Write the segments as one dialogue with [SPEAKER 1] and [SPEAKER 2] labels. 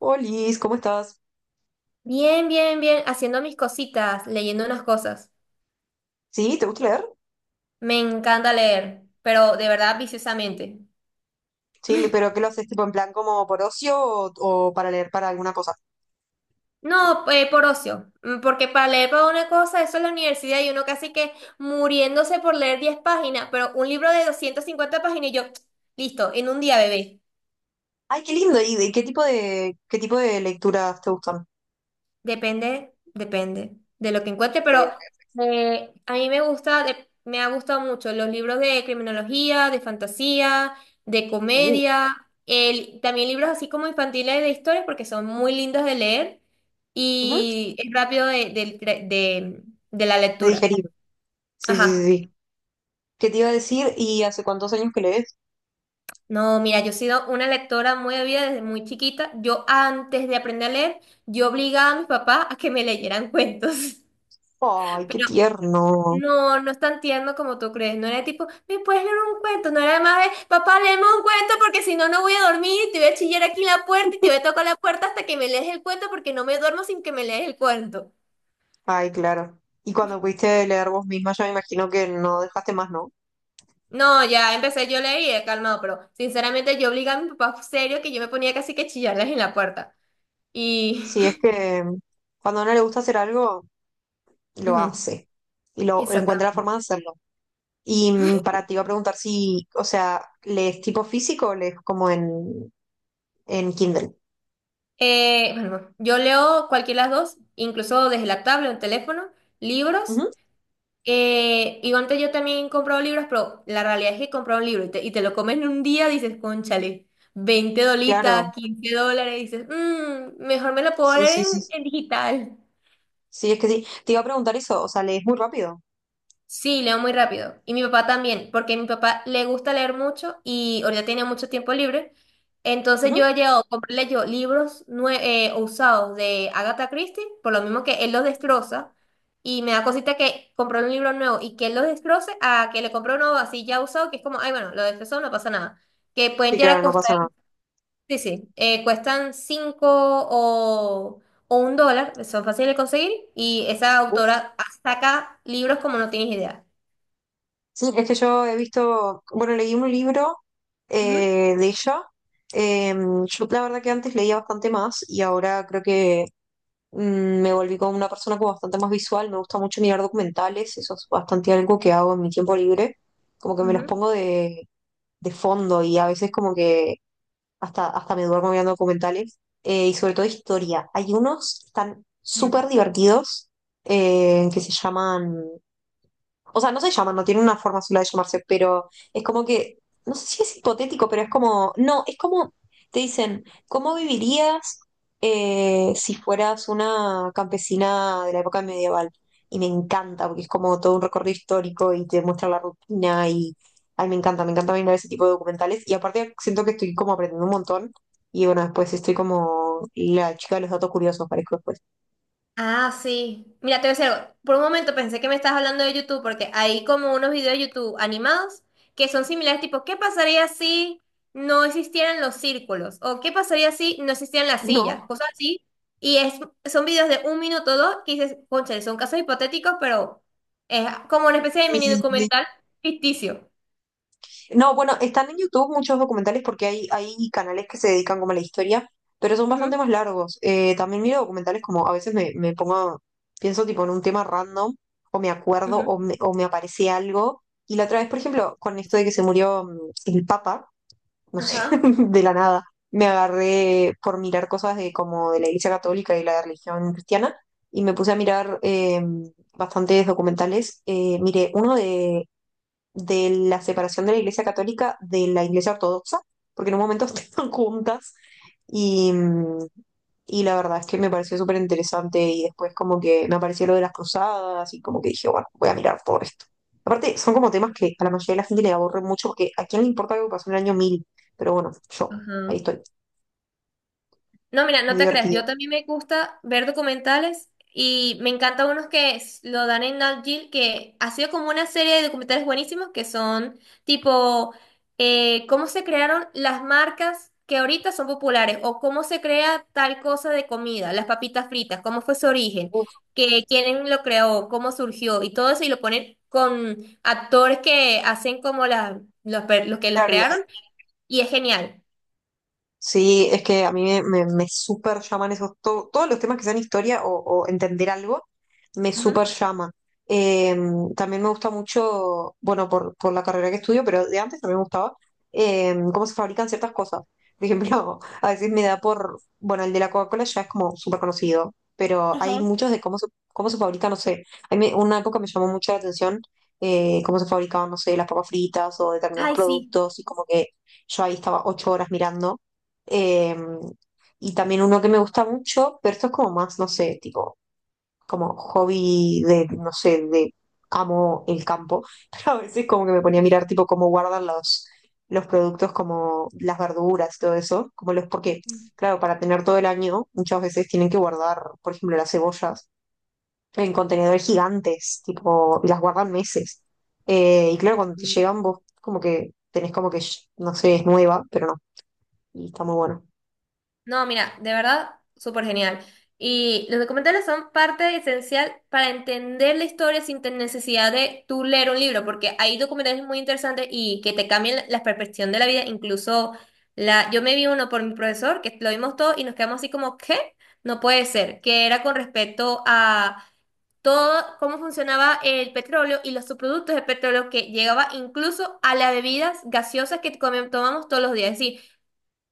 [SPEAKER 1] Olis, ¿cómo estás?
[SPEAKER 2] Bien, bien, bien, haciendo mis cositas, leyendo unas cosas.
[SPEAKER 1] ¿Sí? ¿Te gusta leer?
[SPEAKER 2] Me encanta leer, pero de verdad viciosamente.
[SPEAKER 1] Sí, pero ¿qué lo haces tipo en plan como por ocio o para leer para alguna cosa?
[SPEAKER 2] No, por ocio. Porque para leer para una cosa, eso es la universidad y uno casi que muriéndose por leer 10 páginas, pero un libro de 250 páginas y yo, listo, en un día, bebé.
[SPEAKER 1] Ay, qué lindo. ¿Y de qué tipo de lecturas te gustan?
[SPEAKER 2] Depende, depende de lo que encuentre,
[SPEAKER 1] Ok,
[SPEAKER 2] pero
[SPEAKER 1] ok.
[SPEAKER 2] a mí me gusta, me ha gustado mucho los libros de criminología, de fantasía, de
[SPEAKER 1] Uh,
[SPEAKER 2] comedia, el, también libros así como infantiles de historia porque son muy lindos de leer
[SPEAKER 1] ujú.
[SPEAKER 2] y es rápido de, del cre- de la
[SPEAKER 1] De
[SPEAKER 2] lectura.
[SPEAKER 1] digerir. Sí, sí, sí,
[SPEAKER 2] Ajá.
[SPEAKER 1] sí. ¿Qué te iba a decir? ¿Y hace cuántos años que lees?
[SPEAKER 2] No, mira, yo he sido una lectora muy avida desde muy chiquita. Yo antes de aprender a leer, yo obligaba a mi papá a que me leyeran cuentos.
[SPEAKER 1] Ay, qué tierno.
[SPEAKER 2] No, no es tan tierno como tú crees. No era tipo, ¿me puedes leer un cuento? No era más de, papá, léeme un cuento porque si no, no voy a dormir y te voy a chillar aquí en la puerta y te voy a tocar la puerta hasta que me lees el cuento porque no me duermo sin que me lees el cuento.
[SPEAKER 1] Ay, claro. Y cuando pudiste leer vos misma, ya me imagino que no dejaste más, ¿no?
[SPEAKER 2] No, ya empecé yo a leer y he calmado, pero sinceramente yo obligaba a mi papá serio que yo me ponía casi que a chillarles en la puerta. Y...
[SPEAKER 1] Si es que cuando a uno le gusta hacer algo, lo
[SPEAKER 2] ujú.
[SPEAKER 1] hace y lo encuentra la
[SPEAKER 2] Exactamente.
[SPEAKER 1] forma de hacerlo. Y para ti iba a preguntar si, o sea, ¿lees tipo físico o lees como en Kindle?
[SPEAKER 2] Bueno, yo leo cualquiera de las dos, incluso desde la tablet o el teléfono, libros.
[SPEAKER 1] Ujú.
[SPEAKER 2] Y antes yo también compraba libros, pero la realidad es que comprar un libro y te lo comes en un día, dices, cónchale, 20 dolitas,
[SPEAKER 1] Claro,
[SPEAKER 2] $15, dices, mejor me lo puedo
[SPEAKER 1] sí,
[SPEAKER 2] leer
[SPEAKER 1] sí, sí, sí.
[SPEAKER 2] en digital.
[SPEAKER 1] Sí, es que sí. Te iba a preguntar eso, o sea, ¿lees muy rápido?
[SPEAKER 2] Sí, leo muy rápido. Y mi papá también, porque a mi papá le gusta leer mucho y ahorita tiene mucho tiempo libre. Entonces yo
[SPEAKER 1] Ujú.
[SPEAKER 2] he llegado a comprarle yo libros usados de Agatha Christie, por lo mismo que él los destroza. Y me da cosita que compró un libro nuevo y que él lo destroce a que le compró uno así ya usado, que es como, ay, bueno, lo destrozó, no pasa nada. Que pueden
[SPEAKER 1] Sí,
[SPEAKER 2] llegar a
[SPEAKER 1] claro, no pasa
[SPEAKER 2] costar,
[SPEAKER 1] nada.
[SPEAKER 2] sí, sí, cuestan 5 o $1, son fáciles de conseguir. Y esa
[SPEAKER 1] Uf.
[SPEAKER 2] autora saca libros como no tienes idea.
[SPEAKER 1] Sí, es que yo he visto, bueno, leí un libro
[SPEAKER 2] Ujú,
[SPEAKER 1] de ella. Eh, yo la verdad que antes leía bastante más y ahora creo que me volví como una persona como bastante más visual. Me gusta mucho mirar documentales, eso es bastante algo que hago en mi tiempo libre como que me los
[SPEAKER 2] ujú,
[SPEAKER 1] pongo de fondo y a veces como que hasta me duermo mirando documentales, y sobre todo historia. Hay unos que están
[SPEAKER 2] ujú.
[SPEAKER 1] súper divertidos, que se llaman, o sea, no se llaman, no tienen una forma sola de llamarse, pero es como que, no sé si es hipotético, pero es como, no, es como, te dicen, ¿cómo vivirías, si fueras una campesina de la época medieval? Y me encanta, porque es como todo un recorrido histórico y te muestra la rutina y, ay, me encanta mirar ese tipo de documentales. Y aparte siento que estoy como aprendiendo un montón y bueno, después estoy como la chica de los datos curiosos, parezco después.
[SPEAKER 2] Ah, sí. Mira, te voy a decir algo. Por un momento pensé que me estabas hablando de YouTube, porque hay como unos videos de YouTube animados que son similares, tipo, ¿qué pasaría si no existieran los círculos? O ¿qué pasaría si no existieran las
[SPEAKER 1] No,
[SPEAKER 2] sillas? Cosas así. Y son videos de 1 minuto o 2 que dices, cónchale, son casos hipotéticos, pero es como una especie de
[SPEAKER 1] sí,
[SPEAKER 2] mini
[SPEAKER 1] sí, sí.
[SPEAKER 2] documental ficticio.
[SPEAKER 1] No, bueno, están en YouTube muchos documentales porque hay canales que se dedican como a la historia, pero son bastante
[SPEAKER 2] Ujú,
[SPEAKER 1] más largos. También miro documentales como a veces me pongo, pienso tipo en un tema random, o me acuerdo,
[SPEAKER 2] ujú.
[SPEAKER 1] o me aparece algo. Y la otra vez, por ejemplo, con esto de que se murió el Papa, no sé,
[SPEAKER 2] Ajá.
[SPEAKER 1] de la nada, me agarré por mirar cosas de como de la Iglesia Católica y la religión cristiana, y me puse a mirar bastantes documentales. Miré uno de la separación de la Iglesia Católica de la Iglesia Ortodoxa, porque en un momento estaban juntas y, y la verdad es que me pareció súper interesante y después como que me apareció lo de las cruzadas y como que dije, bueno, voy a mirar todo esto. Aparte, son como temas que a la mayoría de la gente le aborren mucho porque a quién le importa algo que pasó en el año 1000, pero bueno, yo, ahí
[SPEAKER 2] Ajá.
[SPEAKER 1] estoy,
[SPEAKER 2] No, mira, no
[SPEAKER 1] muy
[SPEAKER 2] te creas. Yo
[SPEAKER 1] divertido.
[SPEAKER 2] también me gusta ver documentales y me encantan unos que lo dan en Nat Geo, que ha sido como una serie de documentales buenísimos que son tipo cómo se crearon las marcas que ahorita son populares o cómo se crea tal cosa de comida, las papitas fritas, cómo fue su origen,
[SPEAKER 1] Uf,
[SPEAKER 2] que quién lo creó, cómo surgió y todo eso y lo ponen con actores que hacen como los que los
[SPEAKER 1] claro.
[SPEAKER 2] crearon y es genial.
[SPEAKER 1] Sí, es que a mí me súper llaman esos, todos los temas que sean historia o entender algo, me súper
[SPEAKER 2] Ujú.
[SPEAKER 1] llama. Eh, también me gusta mucho, bueno, por la carrera que estudio, pero de antes también me gustaba, cómo se fabrican ciertas cosas. Por ejemplo, a veces me da por, bueno, el de la Coca-Cola ya es como súper conocido, pero hay
[SPEAKER 2] Ajá.
[SPEAKER 1] muchos de cómo se fabrica, no sé. A mí una época me llamó mucho la atención, cómo se fabricaban, no sé, las papas fritas o determinados
[SPEAKER 2] Ay, sí.
[SPEAKER 1] productos y como que yo ahí estaba 8 horas mirando, eh, y también uno que me gusta mucho, pero esto es como más, no sé, tipo, como hobby de, no sé, de amo el campo, pero a veces como que me ponía a mirar tipo cómo guardan los, productos, como las verduras, todo eso, como los, porque, claro, para tener todo el año, muchas veces tienen que guardar, por ejemplo, las cebollas en contenedores gigantes, tipo, y las guardan meses. Y claro, cuando te llegan vos como que tenés como que, no sé, es nueva, pero no, y está muy bueno.
[SPEAKER 2] No, mira, de verdad, súper genial. Y los documentales son parte esencial para entender la historia sin tener necesidad de tú leer un libro, porque hay documentales muy interesantes y que te cambian la percepción de la vida. Incluso yo me vi uno por mi profesor, que lo vimos todo y nos quedamos así como, ¿qué? No puede ser, que era con respecto a todo cómo funcionaba el petróleo y los subproductos del petróleo que llegaba incluso a las bebidas gaseosas que tomamos todos los días. Es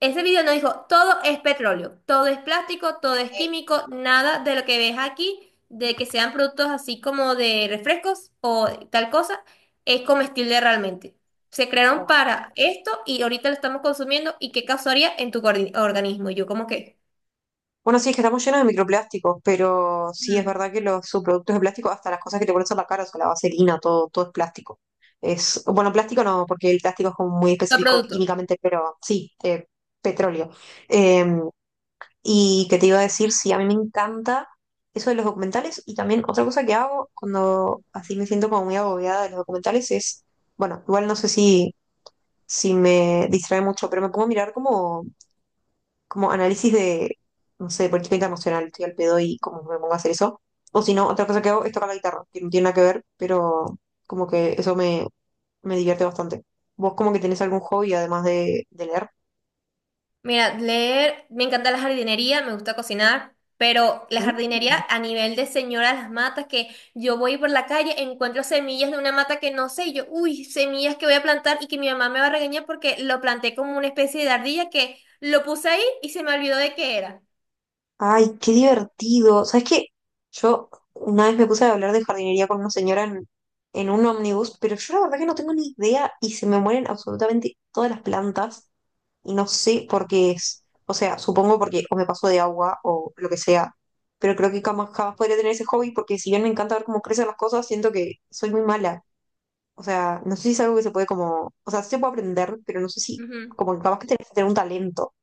[SPEAKER 2] Ese video nos dijo, todo es petróleo, todo es plástico, todo es
[SPEAKER 1] Eh,
[SPEAKER 2] químico, nada de lo que ves aquí, de que sean productos así como de refrescos o tal cosa, es comestible realmente. Se crearon para esto y ahorita lo estamos consumiendo y qué causaría en tu organismo. Y yo como que,
[SPEAKER 1] Bueno, sí, es que estamos llenos de microplásticos, pero sí es
[SPEAKER 2] mm,
[SPEAKER 1] verdad que los subproductos de plástico, hasta las cosas que te pones en la cara, o sea, la vaselina, todo, todo es plástico. Es, bueno, plástico no, porque el plástico es como muy
[SPEAKER 2] no
[SPEAKER 1] específico
[SPEAKER 2] producto.
[SPEAKER 1] químicamente, pero sí, petróleo. Eh, y que te iba a decir, sí, a mí me encanta eso de los documentales y también otra cosa que hago cuando así me siento como muy agobiada de los documentales es, bueno, igual no sé si, me distrae mucho, pero me pongo a mirar como análisis de, no sé, política emocional estoy al pedo y como me pongo a hacer eso. O si no, otra cosa que hago es tocar la guitarra, que no tiene nada que ver, pero como que eso me divierte bastante. ¿Vos como que tenés algún hobby además de leer?
[SPEAKER 2] Mira, leer, me encanta la jardinería, me gusta cocinar, pero la
[SPEAKER 1] Mm.
[SPEAKER 2] jardinería a nivel de señora las matas, que yo voy por la calle, encuentro semillas de una mata que no sé, y yo, uy, semillas que voy a plantar y que mi mamá me va a regañar porque lo planté como una especie de ardilla que lo puse ahí y se me olvidó de qué era.
[SPEAKER 1] Ay, qué divertido. ¿Sabes qué? Yo una vez me puse a hablar de jardinería con una señora en un ómnibus, pero yo la verdad que no tengo ni idea y se me mueren absolutamente todas las plantas. No sé por qué es. O sea, supongo porque o me paso de agua o lo que sea. Pero creo que jamás, jamás podría tener ese hobby porque si bien me encanta ver cómo crecen las cosas, siento que soy muy mala. O sea, no sé si es algo que se puede como, o sea, sí se puede aprender, pero no sé si, como que capaz que tenés que tener un talento.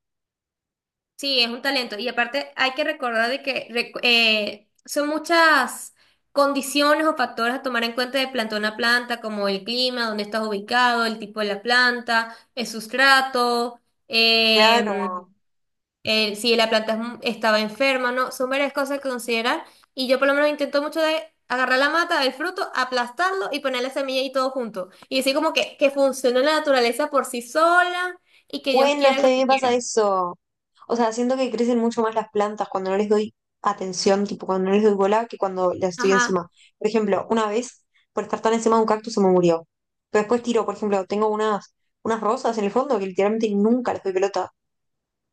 [SPEAKER 2] Sí, es un talento. Y aparte hay que recordar de que son muchas condiciones o factores a tomar en cuenta de plantón a planta, como el clima, dónde estás ubicado, el tipo de la planta, el sustrato, eh,
[SPEAKER 1] Claro.
[SPEAKER 2] si la planta es estaba enferma, ¿no? Son varias cosas que considerar. Y yo por lo menos intento mucho de agarrar la mata, el fruto, aplastarlo y poner la semilla y todo junto. Y decir como que funciona la naturaleza por sí sola y que Dios
[SPEAKER 1] Bueno, es
[SPEAKER 2] quiera
[SPEAKER 1] que
[SPEAKER 2] lo
[SPEAKER 1] a mí
[SPEAKER 2] que
[SPEAKER 1] me pasa
[SPEAKER 2] quiera.
[SPEAKER 1] eso. O sea, siento que crecen mucho más las plantas cuando no les doy atención, tipo cuando no les doy bola, que cuando las estoy
[SPEAKER 2] Ajá.
[SPEAKER 1] encima. Por ejemplo, una vez, por estar tan encima de un cactus, se me murió. Pero después tiro, por ejemplo, tengo unas rosas en el fondo que literalmente nunca les doy pelota.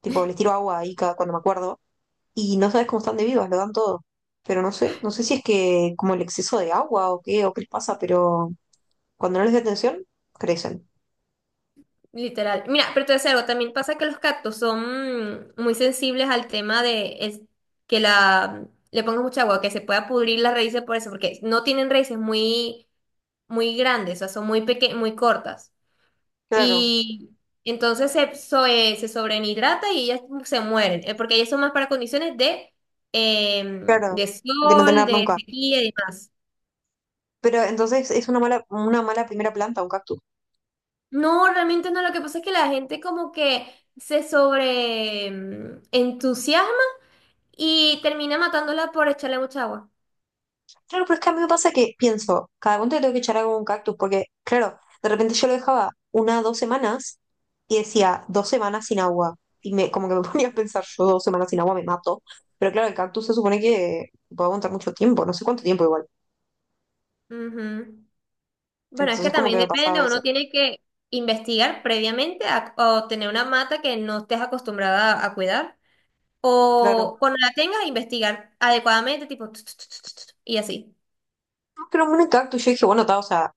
[SPEAKER 1] Tipo, les tiro agua ahí cada, cuando me acuerdo. Y no sabes cómo están de vivas, lo dan todo. Pero no sé, no sé si es que como el exceso de agua o qué les pasa, pero cuando no les doy atención, crecen.
[SPEAKER 2] Literal. Mira, pero te voy a decir algo, también pasa que los cactus son muy sensibles al tema de que la le pongas mucha agua, que se pueda pudrir las raíces por eso, porque no tienen raíces muy, muy grandes, o sea, son muy peque muy cortas.
[SPEAKER 1] Claro,
[SPEAKER 2] Y entonces se sobrehidrata y ellas se mueren, porque ellas son más para condiciones
[SPEAKER 1] claro,
[SPEAKER 2] de
[SPEAKER 1] de no
[SPEAKER 2] sol,
[SPEAKER 1] tener
[SPEAKER 2] de
[SPEAKER 1] nunca.
[SPEAKER 2] sequía y demás.
[SPEAKER 1] Pero entonces es una mala primera planta, un cactus.
[SPEAKER 2] No, realmente no, lo que pasa es que la gente como que se sobre entusiasma y termina matándola por echarle mucha agua.
[SPEAKER 1] Claro, pero es que a mí me pasa que pienso, cada cuánto le tengo que echar algo a un cactus, porque, claro, de repente yo lo dejaba 1, 2 semanas y decía, 2 semanas sin agua. Y me, como que me ponía a pensar, yo 2 semanas sin agua me mato. Pero claro, el cactus se supone que puede aguantar mucho tiempo, no sé cuánto tiempo igual.
[SPEAKER 2] Ujú. Bueno, es que
[SPEAKER 1] Entonces como que
[SPEAKER 2] también
[SPEAKER 1] me
[SPEAKER 2] depende,
[SPEAKER 1] pasaba
[SPEAKER 2] uno
[SPEAKER 1] eso.
[SPEAKER 2] tiene que investigar previamente o tener una mata que no estés acostumbrada a cuidar.
[SPEAKER 1] Claro.
[SPEAKER 2] O cuando la tengas, investigar adecuadamente, tipo, tut, tut, tut, tut, tut, y así.
[SPEAKER 1] No, pero un mini cactus, yo dije, bueno, ta, o sea,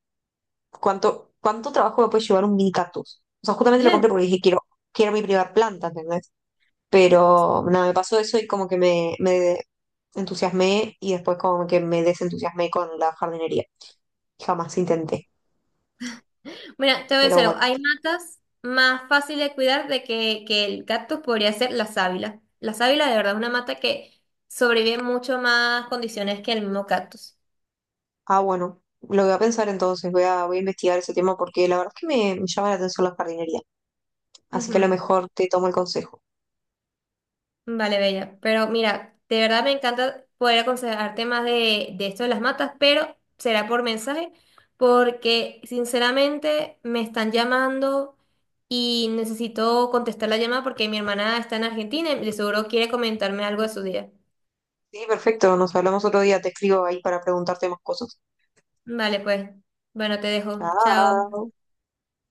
[SPEAKER 1] ¿cuánto trabajo me puede llevar un mini cactus? O sea, justamente lo compré porque dije, quiero mi primera planta, ¿entendés? Pero nada, me pasó eso y como que me entusiasmé y después como que me desentusiasmé con la jardinería. Jamás intenté.
[SPEAKER 2] Mira, te voy a
[SPEAKER 1] Pero
[SPEAKER 2] decir algo,
[SPEAKER 1] bueno.
[SPEAKER 2] hay matas más fáciles de cuidar de que el cactus podría ser la sábila. La sábila de verdad es una mata que sobrevive en mucho más condiciones que el mismo cactus.
[SPEAKER 1] Ah, bueno. Lo voy a pensar entonces, voy a investigar ese tema porque la verdad es que me llama la atención la jardinería. Así que a lo
[SPEAKER 2] Ujú.
[SPEAKER 1] mejor te tomo el consejo.
[SPEAKER 2] Vale, Bella. Pero mira, de verdad me encanta poder aconsejarte más de esto de las matas, pero será por mensaje, porque sinceramente me están llamando y necesito contestar la llamada porque mi hermana está en Argentina y de seguro quiere comentarme algo de su día.
[SPEAKER 1] Sí, perfecto. Nos hablamos otro día. Te escribo ahí para preguntarte más cosas.
[SPEAKER 2] Vale, pues. Bueno, te dejo. Chao.
[SPEAKER 1] Chao.